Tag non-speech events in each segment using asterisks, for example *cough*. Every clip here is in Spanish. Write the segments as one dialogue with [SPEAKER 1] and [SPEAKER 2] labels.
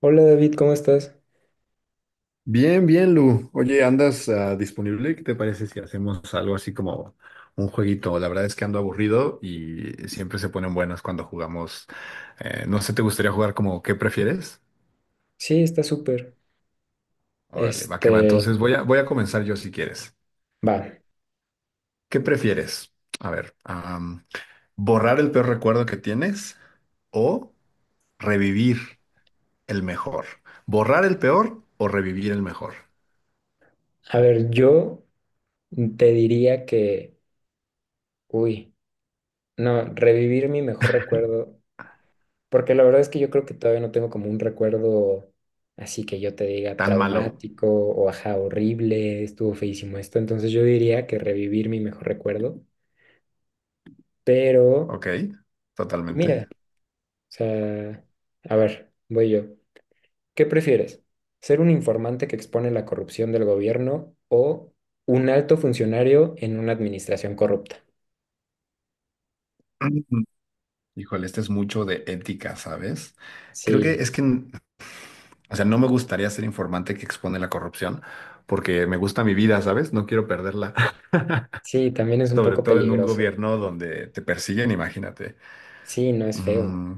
[SPEAKER 1] Hola David, ¿cómo estás?
[SPEAKER 2] Bien, bien, Lu. Oye, ¿andas disponible? ¿Qué te parece si hacemos algo así como un jueguito? La verdad es que ando aburrido y siempre se ponen buenas cuando jugamos. No sé, ¿te gustaría jugar como qué prefieres?
[SPEAKER 1] Sí, está súper.
[SPEAKER 2] Órale, va que va. Entonces
[SPEAKER 1] Este,
[SPEAKER 2] voy a comenzar yo si quieres.
[SPEAKER 1] va.
[SPEAKER 2] ¿Qué prefieres? A ver, ¿borrar el peor recuerdo que tienes o revivir el mejor? ¿Borrar el peor o revivir el mejor?
[SPEAKER 1] A ver, yo te diría que, uy, no, revivir mi mejor recuerdo, porque la verdad es que yo creo que todavía no tengo como un recuerdo así que yo te diga
[SPEAKER 2] Tan malo.
[SPEAKER 1] traumático o ajá, horrible, estuvo feísimo esto. Entonces yo diría que revivir mi mejor recuerdo, pero,
[SPEAKER 2] Ok,
[SPEAKER 1] y mira,
[SPEAKER 2] totalmente.
[SPEAKER 1] o sea, a ver, voy yo. ¿Qué prefieres? ¿Ser un informante que expone la corrupción del gobierno o un alto funcionario en una administración corrupta?
[SPEAKER 2] *clears throat* Híjole, este es mucho de ética, ¿sabes? Creo que
[SPEAKER 1] Sí,
[SPEAKER 2] es que, o sea, no me gustaría ser informante que expone la corrupción, porque me gusta mi vida, ¿sabes? No quiero perderla, *laughs*
[SPEAKER 1] sí, también es un
[SPEAKER 2] sobre
[SPEAKER 1] poco
[SPEAKER 2] todo en un
[SPEAKER 1] peligroso.
[SPEAKER 2] gobierno donde te persiguen, imagínate.
[SPEAKER 1] Sí, no es feo.
[SPEAKER 2] Mm,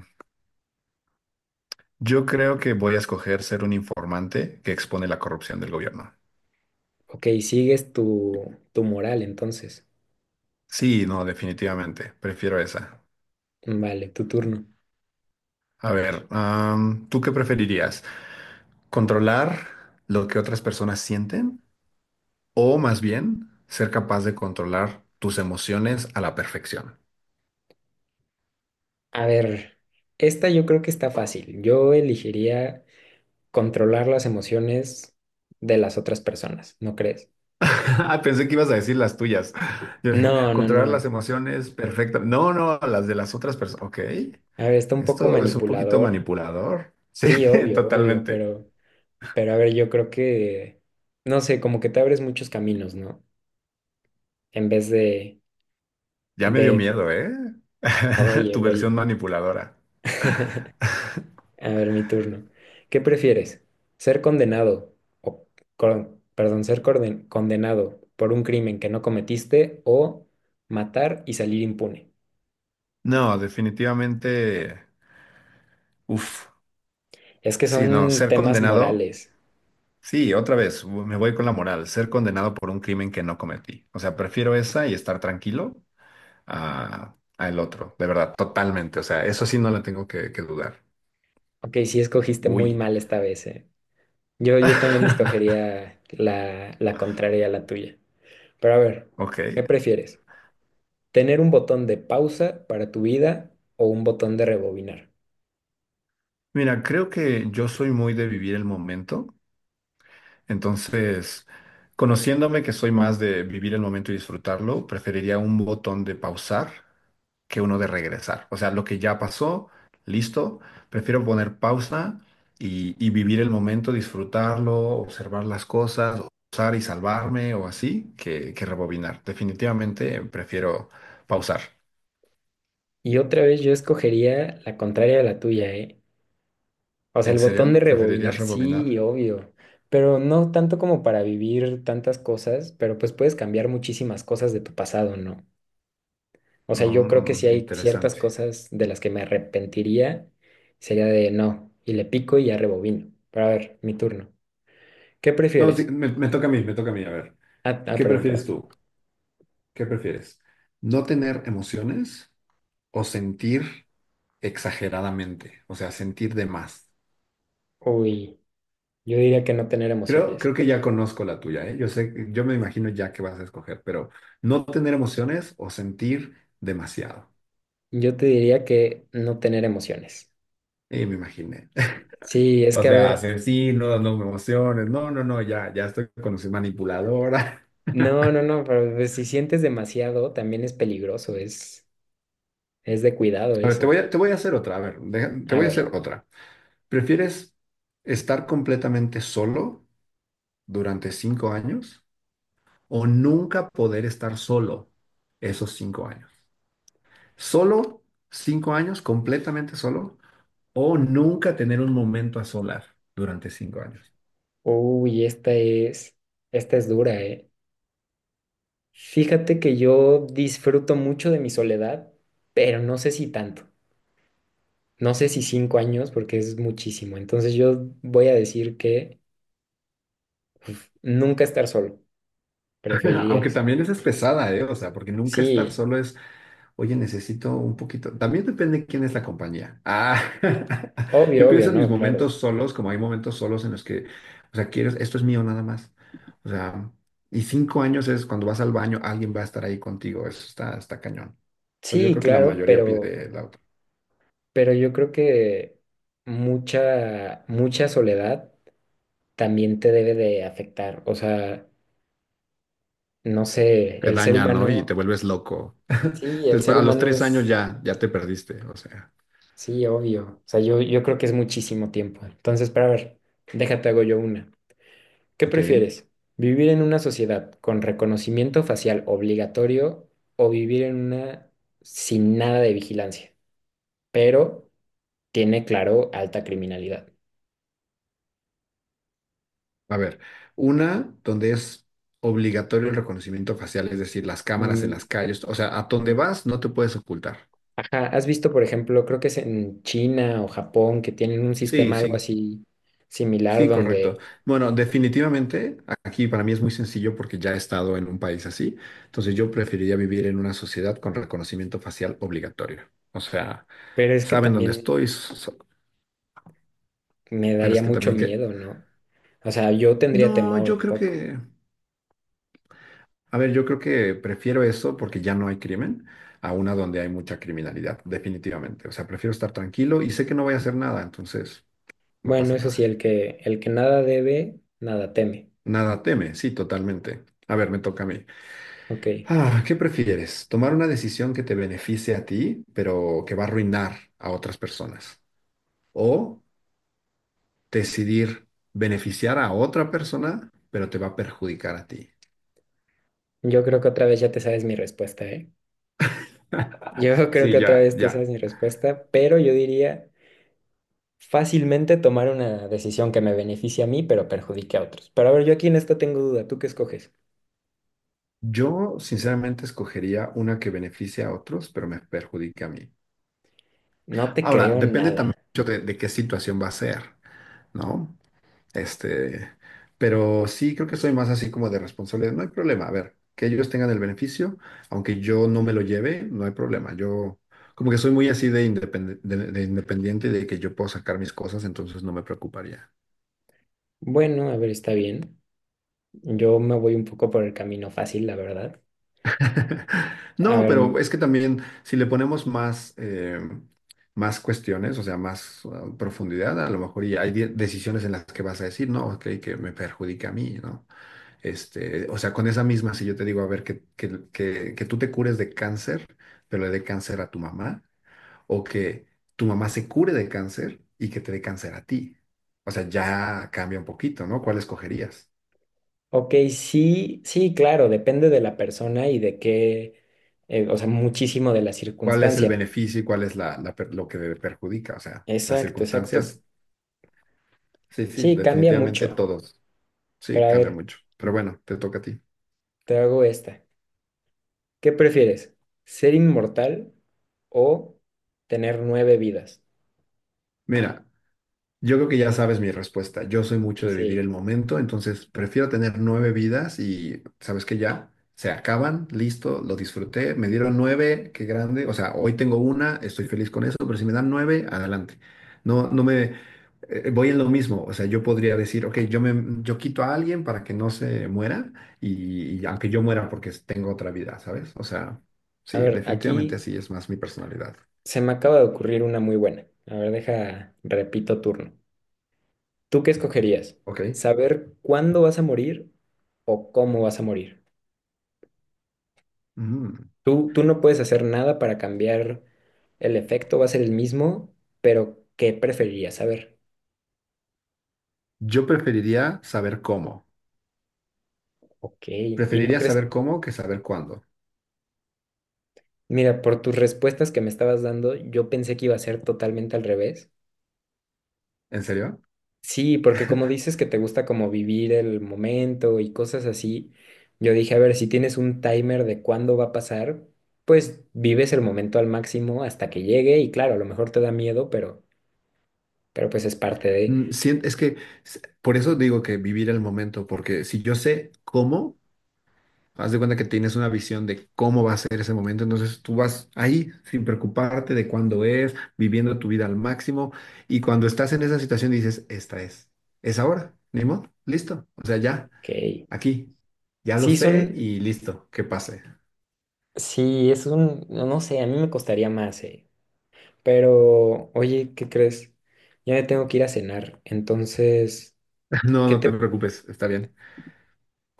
[SPEAKER 2] yo creo que voy a escoger ser un informante que expone la corrupción del gobierno.
[SPEAKER 1] Ok, sigues tu moral entonces.
[SPEAKER 2] Sí, no, definitivamente, prefiero esa.
[SPEAKER 1] Vale, tu turno.
[SPEAKER 2] A ver, ¿tú qué preferirías? ¿Controlar lo que otras personas sienten o más bien ser capaz de controlar tus emociones a la perfección? *laughs*
[SPEAKER 1] A ver, esta yo creo que está fácil. Yo elegiría controlar las emociones de las otras personas, ¿no crees?
[SPEAKER 2] Ah, pensé que ibas a decir las tuyas. *laughs* Yo dije,
[SPEAKER 1] No, no,
[SPEAKER 2] controlar las
[SPEAKER 1] no.
[SPEAKER 2] emociones perfecta. No, no, las de las otras personas. Ok,
[SPEAKER 1] A ver, está un poco
[SPEAKER 2] esto es un poquito
[SPEAKER 1] manipulador.
[SPEAKER 2] manipulador. Sí,
[SPEAKER 1] Sí,
[SPEAKER 2] *laughs*
[SPEAKER 1] obvio, obvio,
[SPEAKER 2] totalmente.
[SPEAKER 1] pero... Pero a ver, yo creo que, no sé, como que te abres muchos caminos, ¿no? En vez
[SPEAKER 2] Ya me dio
[SPEAKER 1] de,
[SPEAKER 2] miedo, ¿eh? *laughs*
[SPEAKER 1] oye,
[SPEAKER 2] Tu
[SPEAKER 1] oye.
[SPEAKER 2] versión manipuladora.
[SPEAKER 1] *laughs* A ver, mi turno. ¿Qué prefieres? ¿Ser condenado o, perdón, ser condenado por un crimen que no cometiste o matar y salir impune?
[SPEAKER 2] No, definitivamente. Uf,
[SPEAKER 1] Es que
[SPEAKER 2] sí, no,
[SPEAKER 1] son
[SPEAKER 2] ser
[SPEAKER 1] temas
[SPEAKER 2] condenado.
[SPEAKER 1] morales.
[SPEAKER 2] Sí, otra vez, me voy con la moral, ser condenado por un crimen que no cometí. O sea, prefiero esa y estar tranquilo a el otro, de verdad, totalmente. O sea, eso sí no la tengo que dudar.
[SPEAKER 1] Ok, sí escogiste muy
[SPEAKER 2] Uy.
[SPEAKER 1] mal esta vez, ¿eh? Yo también
[SPEAKER 2] *laughs*
[SPEAKER 1] escogería la contraria a la tuya. Pero a ver,
[SPEAKER 2] Ok.
[SPEAKER 1] ¿qué prefieres? Tener un botón de pausa para tu vida o un botón de rebobinar.
[SPEAKER 2] Mira, creo que yo soy muy de vivir el momento. Entonces, conociéndome que soy más de vivir el momento y disfrutarlo, preferiría un botón de pausar que uno de regresar. O sea, lo que ya pasó, listo, prefiero poner pausa y vivir el momento, disfrutarlo, observar las cosas, usar y salvarme o así, que rebobinar. Definitivamente prefiero pausar.
[SPEAKER 1] Y otra vez yo escogería la contraria de la tuya, ¿eh? O sea,
[SPEAKER 2] ¿En
[SPEAKER 1] el
[SPEAKER 2] serio?
[SPEAKER 1] botón de
[SPEAKER 2] ¿Preferirías
[SPEAKER 1] rebobinar,
[SPEAKER 2] rebobinar?
[SPEAKER 1] sí, obvio, pero no tanto como para vivir tantas cosas, pero pues puedes cambiar muchísimas cosas de tu pasado, ¿no? O sea,
[SPEAKER 2] No,
[SPEAKER 1] yo creo que si hay ciertas
[SPEAKER 2] interesante.
[SPEAKER 1] cosas de las que me arrepentiría, sería de no, y le pico y ya rebobino. Pero a ver, mi turno. ¿Qué
[SPEAKER 2] No, sí,
[SPEAKER 1] prefieres?
[SPEAKER 2] me toca a mí, me toca a mí. A ver,
[SPEAKER 1] Ah, ah,
[SPEAKER 2] ¿qué
[SPEAKER 1] perdón,
[SPEAKER 2] prefieres
[SPEAKER 1] perdón.
[SPEAKER 2] tú? ¿Qué prefieres? ¿No tener emociones o sentir exageradamente? O sea, sentir de más.
[SPEAKER 1] Uy, yo diría que no tener
[SPEAKER 2] Creo
[SPEAKER 1] emociones.
[SPEAKER 2] que ya conozco la tuya, ¿eh? Yo sé, yo me imagino ya que vas a escoger, pero no tener emociones o sentir demasiado.
[SPEAKER 1] Yo te diría que no tener emociones.
[SPEAKER 2] Y me imaginé. *laughs*
[SPEAKER 1] Sí, es
[SPEAKER 2] O
[SPEAKER 1] que a
[SPEAKER 2] sea,
[SPEAKER 1] ver,
[SPEAKER 2] asesinos, no me emociones. No, no, no, ya, ya estoy con su manipuladora.
[SPEAKER 1] no, no, no, pero pues, si sientes demasiado también es peligroso, es de cuidado
[SPEAKER 2] *laughs* A ver, te
[SPEAKER 1] eso.
[SPEAKER 2] voy a, te voy a hacer otra. A ver, te
[SPEAKER 1] A
[SPEAKER 2] voy a hacer
[SPEAKER 1] ver,
[SPEAKER 2] otra. ¿Prefieres estar completamente solo durante 5 años o nunca poder estar solo esos 5 años? Solo 5 años, completamente solo. O nunca tener un momento a solas durante 5 años.
[SPEAKER 1] uy, esta es dura, ¿eh? Fíjate que yo disfruto mucho de mi soledad, pero no sé si tanto. No sé si 5 años, porque es muchísimo. Entonces yo voy a decir que uf, nunca estar solo,
[SPEAKER 2] *laughs*
[SPEAKER 1] preferiría
[SPEAKER 2] Aunque
[SPEAKER 1] eso.
[SPEAKER 2] también esa es pesada, ¿eh? O sea, porque nunca estar
[SPEAKER 1] Sí,
[SPEAKER 2] solo es, oye, necesito un poquito. También depende de quién es la compañía. Ah, *laughs* yo
[SPEAKER 1] obvio, obvio,
[SPEAKER 2] pienso en mis
[SPEAKER 1] no,
[SPEAKER 2] momentos
[SPEAKER 1] claro.
[SPEAKER 2] solos, como hay momentos solos en los que, o sea, quiero, esto es mío nada más. O sea, y 5 años es cuando vas al baño, alguien va a estar ahí contigo. Eso está cañón. Pero yo
[SPEAKER 1] Sí,
[SPEAKER 2] creo que la
[SPEAKER 1] claro,
[SPEAKER 2] mayoría pide la otra.
[SPEAKER 1] pero yo creo que mucha, mucha soledad también te debe de afectar. O sea, no sé,
[SPEAKER 2] Te
[SPEAKER 1] el ser
[SPEAKER 2] daña, ¿no? Y te
[SPEAKER 1] humano,
[SPEAKER 2] vuelves loco.
[SPEAKER 1] sí, el
[SPEAKER 2] Después,
[SPEAKER 1] ser
[SPEAKER 2] a los
[SPEAKER 1] humano
[SPEAKER 2] 3 años
[SPEAKER 1] es,
[SPEAKER 2] ya, ya te perdiste. O sea,
[SPEAKER 1] sí, obvio. O sea, yo creo que es muchísimo tiempo. Entonces, para ver, déjate hago yo una. ¿Qué
[SPEAKER 2] ok.
[SPEAKER 1] prefieres? ¿Vivir en una sociedad con reconocimiento facial obligatorio o vivir en una sin nada de vigilancia, pero tiene, claro, alta criminalidad?
[SPEAKER 2] A ver, una donde es obligatorio el reconocimiento facial, es decir, las cámaras en las
[SPEAKER 1] Mm,
[SPEAKER 2] calles, o sea, a donde vas no te puedes ocultar.
[SPEAKER 1] ajá, ¿has visto, por ejemplo, creo que es en China o Japón que tienen un
[SPEAKER 2] Sí,
[SPEAKER 1] sistema algo
[SPEAKER 2] sí,
[SPEAKER 1] así similar
[SPEAKER 2] sí,
[SPEAKER 1] donde,
[SPEAKER 2] correcto. Bueno, definitivamente aquí para mí es muy sencillo porque ya he estado en un país así, entonces yo preferiría vivir en una sociedad con reconocimiento facial obligatorio. O sea,
[SPEAKER 1] pero es que
[SPEAKER 2] saben dónde estoy,
[SPEAKER 1] también me
[SPEAKER 2] pero
[SPEAKER 1] daría
[SPEAKER 2] es que
[SPEAKER 1] mucho
[SPEAKER 2] también que...
[SPEAKER 1] miedo, ¿no? O sea, yo tendría
[SPEAKER 2] No,
[SPEAKER 1] temor
[SPEAKER 2] yo
[SPEAKER 1] un
[SPEAKER 2] creo
[SPEAKER 1] poco.
[SPEAKER 2] que... A ver, yo creo que prefiero eso porque ya no hay crimen a una donde hay mucha criminalidad, definitivamente. O sea, prefiero estar tranquilo y sé que no voy a hacer nada, entonces no
[SPEAKER 1] Bueno,
[SPEAKER 2] pasa
[SPEAKER 1] eso sí,
[SPEAKER 2] nada.
[SPEAKER 1] el que nada debe, nada teme.
[SPEAKER 2] Nada teme, sí, totalmente. A ver, me toca a mí.
[SPEAKER 1] Ok,
[SPEAKER 2] Ah, ¿qué prefieres? ¿Tomar una decisión que te beneficie a ti, pero que va a arruinar a otras personas? ¿O decidir beneficiar a otra persona, pero te va a perjudicar a ti?
[SPEAKER 1] yo creo que otra vez ya te sabes mi respuesta, ¿eh?
[SPEAKER 2] *laughs*
[SPEAKER 1] Yo *laughs* creo
[SPEAKER 2] Sí,
[SPEAKER 1] que otra
[SPEAKER 2] ya,
[SPEAKER 1] vez te
[SPEAKER 2] ya.
[SPEAKER 1] sabes mi respuesta, pero yo diría fácilmente tomar una decisión que me beneficie a mí, pero perjudique a otros. Pero a ver, yo aquí en esto tengo duda, ¿tú qué escoges?
[SPEAKER 2] Yo sinceramente escogería una que beneficie a otros, pero me perjudique a mí.
[SPEAKER 1] No te
[SPEAKER 2] Ahora,
[SPEAKER 1] creo
[SPEAKER 2] depende también
[SPEAKER 1] nada.
[SPEAKER 2] mucho de qué situación va a ser, ¿no? Este, pero sí creo que soy más así como de responsabilidad. No hay problema, a ver, que ellos tengan el beneficio, aunque yo no me lo lleve, no hay problema. Yo como que soy muy así de independiente y de que yo puedo sacar mis cosas, entonces no me preocuparía.
[SPEAKER 1] Bueno, a ver, está bien. Yo me voy un poco por el camino fácil, la verdad.
[SPEAKER 2] *laughs*
[SPEAKER 1] A
[SPEAKER 2] No,
[SPEAKER 1] ver,
[SPEAKER 2] pero es que también si le ponemos más, más cuestiones, o sea, más profundidad, a lo mejor y hay decisiones en las que vas a decir, no, ok, que me perjudica a mí, ¿no? Este, o sea, con esa misma, si yo te digo, a ver, que tú te cures de cáncer, pero le dé cáncer a tu mamá, o que tu mamá se cure de cáncer y que te dé cáncer a ti. O sea, ya cambia un poquito, ¿no? ¿Cuál escogerías?
[SPEAKER 1] ok, sí, sí, claro, depende de la persona y de qué, o sea, muchísimo de la
[SPEAKER 2] Cuál es el
[SPEAKER 1] circunstancia.
[SPEAKER 2] beneficio y cuál es lo que le perjudica, o sea, las
[SPEAKER 1] Exacto, exacto.
[SPEAKER 2] circunstancias. Sí, sí,
[SPEAKER 1] Sí, cambia
[SPEAKER 2] definitivamente
[SPEAKER 1] mucho.
[SPEAKER 2] todos.
[SPEAKER 1] Pero
[SPEAKER 2] Sí,
[SPEAKER 1] a
[SPEAKER 2] cambia
[SPEAKER 1] ver,
[SPEAKER 2] mucho. Pero bueno, te toca a ti.
[SPEAKER 1] te hago esta. ¿Qué prefieres? ¿Ser inmortal o tener nueve vidas?
[SPEAKER 2] Mira, yo creo que ya sabes mi respuesta. Yo soy mucho de vivir
[SPEAKER 1] Sí.
[SPEAKER 2] el momento, entonces prefiero tener 9 vidas y sabes que ya se acaban, listo, lo disfruté, me dieron nueve, qué grande. O sea, hoy tengo una, estoy feliz con eso, pero si me dan nueve, adelante. No, no me voy en lo mismo. O sea, yo podría decir, ok, yo quito a alguien para que no se muera y aunque yo muera porque tengo otra vida, ¿sabes? O sea,
[SPEAKER 1] A
[SPEAKER 2] sí,
[SPEAKER 1] ver,
[SPEAKER 2] definitivamente
[SPEAKER 1] aquí
[SPEAKER 2] así es más mi personalidad.
[SPEAKER 1] se me acaba de ocurrir una muy buena. A ver, deja, repito turno. ¿Tú qué escogerías?
[SPEAKER 2] Ok.
[SPEAKER 1] ¿Saber cuándo vas a morir o cómo vas a morir?
[SPEAKER 2] Mm.
[SPEAKER 1] Tú no puedes hacer nada para cambiar el efecto, va a ser el mismo, pero ¿qué preferirías saber?
[SPEAKER 2] Yo preferiría saber cómo.
[SPEAKER 1] Ok, ¿y no
[SPEAKER 2] Preferiría
[SPEAKER 1] crees?
[SPEAKER 2] saber cómo que saber cuándo.
[SPEAKER 1] Mira, por tus respuestas que me estabas dando, yo pensé que iba a ser totalmente al revés.
[SPEAKER 2] ¿En serio?
[SPEAKER 1] Sí, porque como dices que te gusta como vivir el momento y cosas así, yo dije, a ver, si tienes un timer de cuándo va a pasar, pues vives el momento al máximo hasta que llegue y claro, a lo mejor te da miedo, pero pues es parte de
[SPEAKER 2] Es que por eso digo que vivir el momento, porque si yo sé cómo, haz de cuenta que tienes una visión de cómo va a ser ese momento, entonces tú vas ahí sin preocuparte de cuándo es, viviendo tu vida al máximo, y cuando estás en esa situación dices, esta es ahora, ni modo, listo, o sea, ya,
[SPEAKER 1] que
[SPEAKER 2] aquí, ya lo
[SPEAKER 1] sí
[SPEAKER 2] sé
[SPEAKER 1] son,
[SPEAKER 2] y listo, que pase.
[SPEAKER 1] sí, es un, no sé, a mí me costaría más, eh. Pero, oye, ¿qué crees? Ya me tengo que ir a cenar, entonces,
[SPEAKER 2] *laughs* No,
[SPEAKER 1] ¿qué
[SPEAKER 2] no te
[SPEAKER 1] te...
[SPEAKER 2] preocupes, está bien.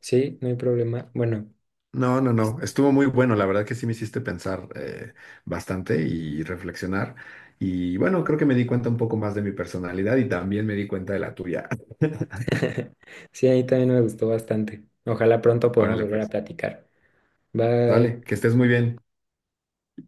[SPEAKER 1] Sí, no hay problema. Bueno,
[SPEAKER 2] No, no,
[SPEAKER 1] es-
[SPEAKER 2] no. Estuvo muy bueno. La verdad que sí me hiciste pensar bastante y reflexionar. Y bueno, creo que me di cuenta un poco más de mi personalidad y también me di cuenta de la tuya.
[SPEAKER 1] *laughs* sí, a mí también me gustó bastante. Ojalá pronto
[SPEAKER 2] *laughs*
[SPEAKER 1] podamos
[SPEAKER 2] Órale,
[SPEAKER 1] volver a
[SPEAKER 2] pues.
[SPEAKER 1] platicar. Bye.
[SPEAKER 2] Dale, que estés muy bien.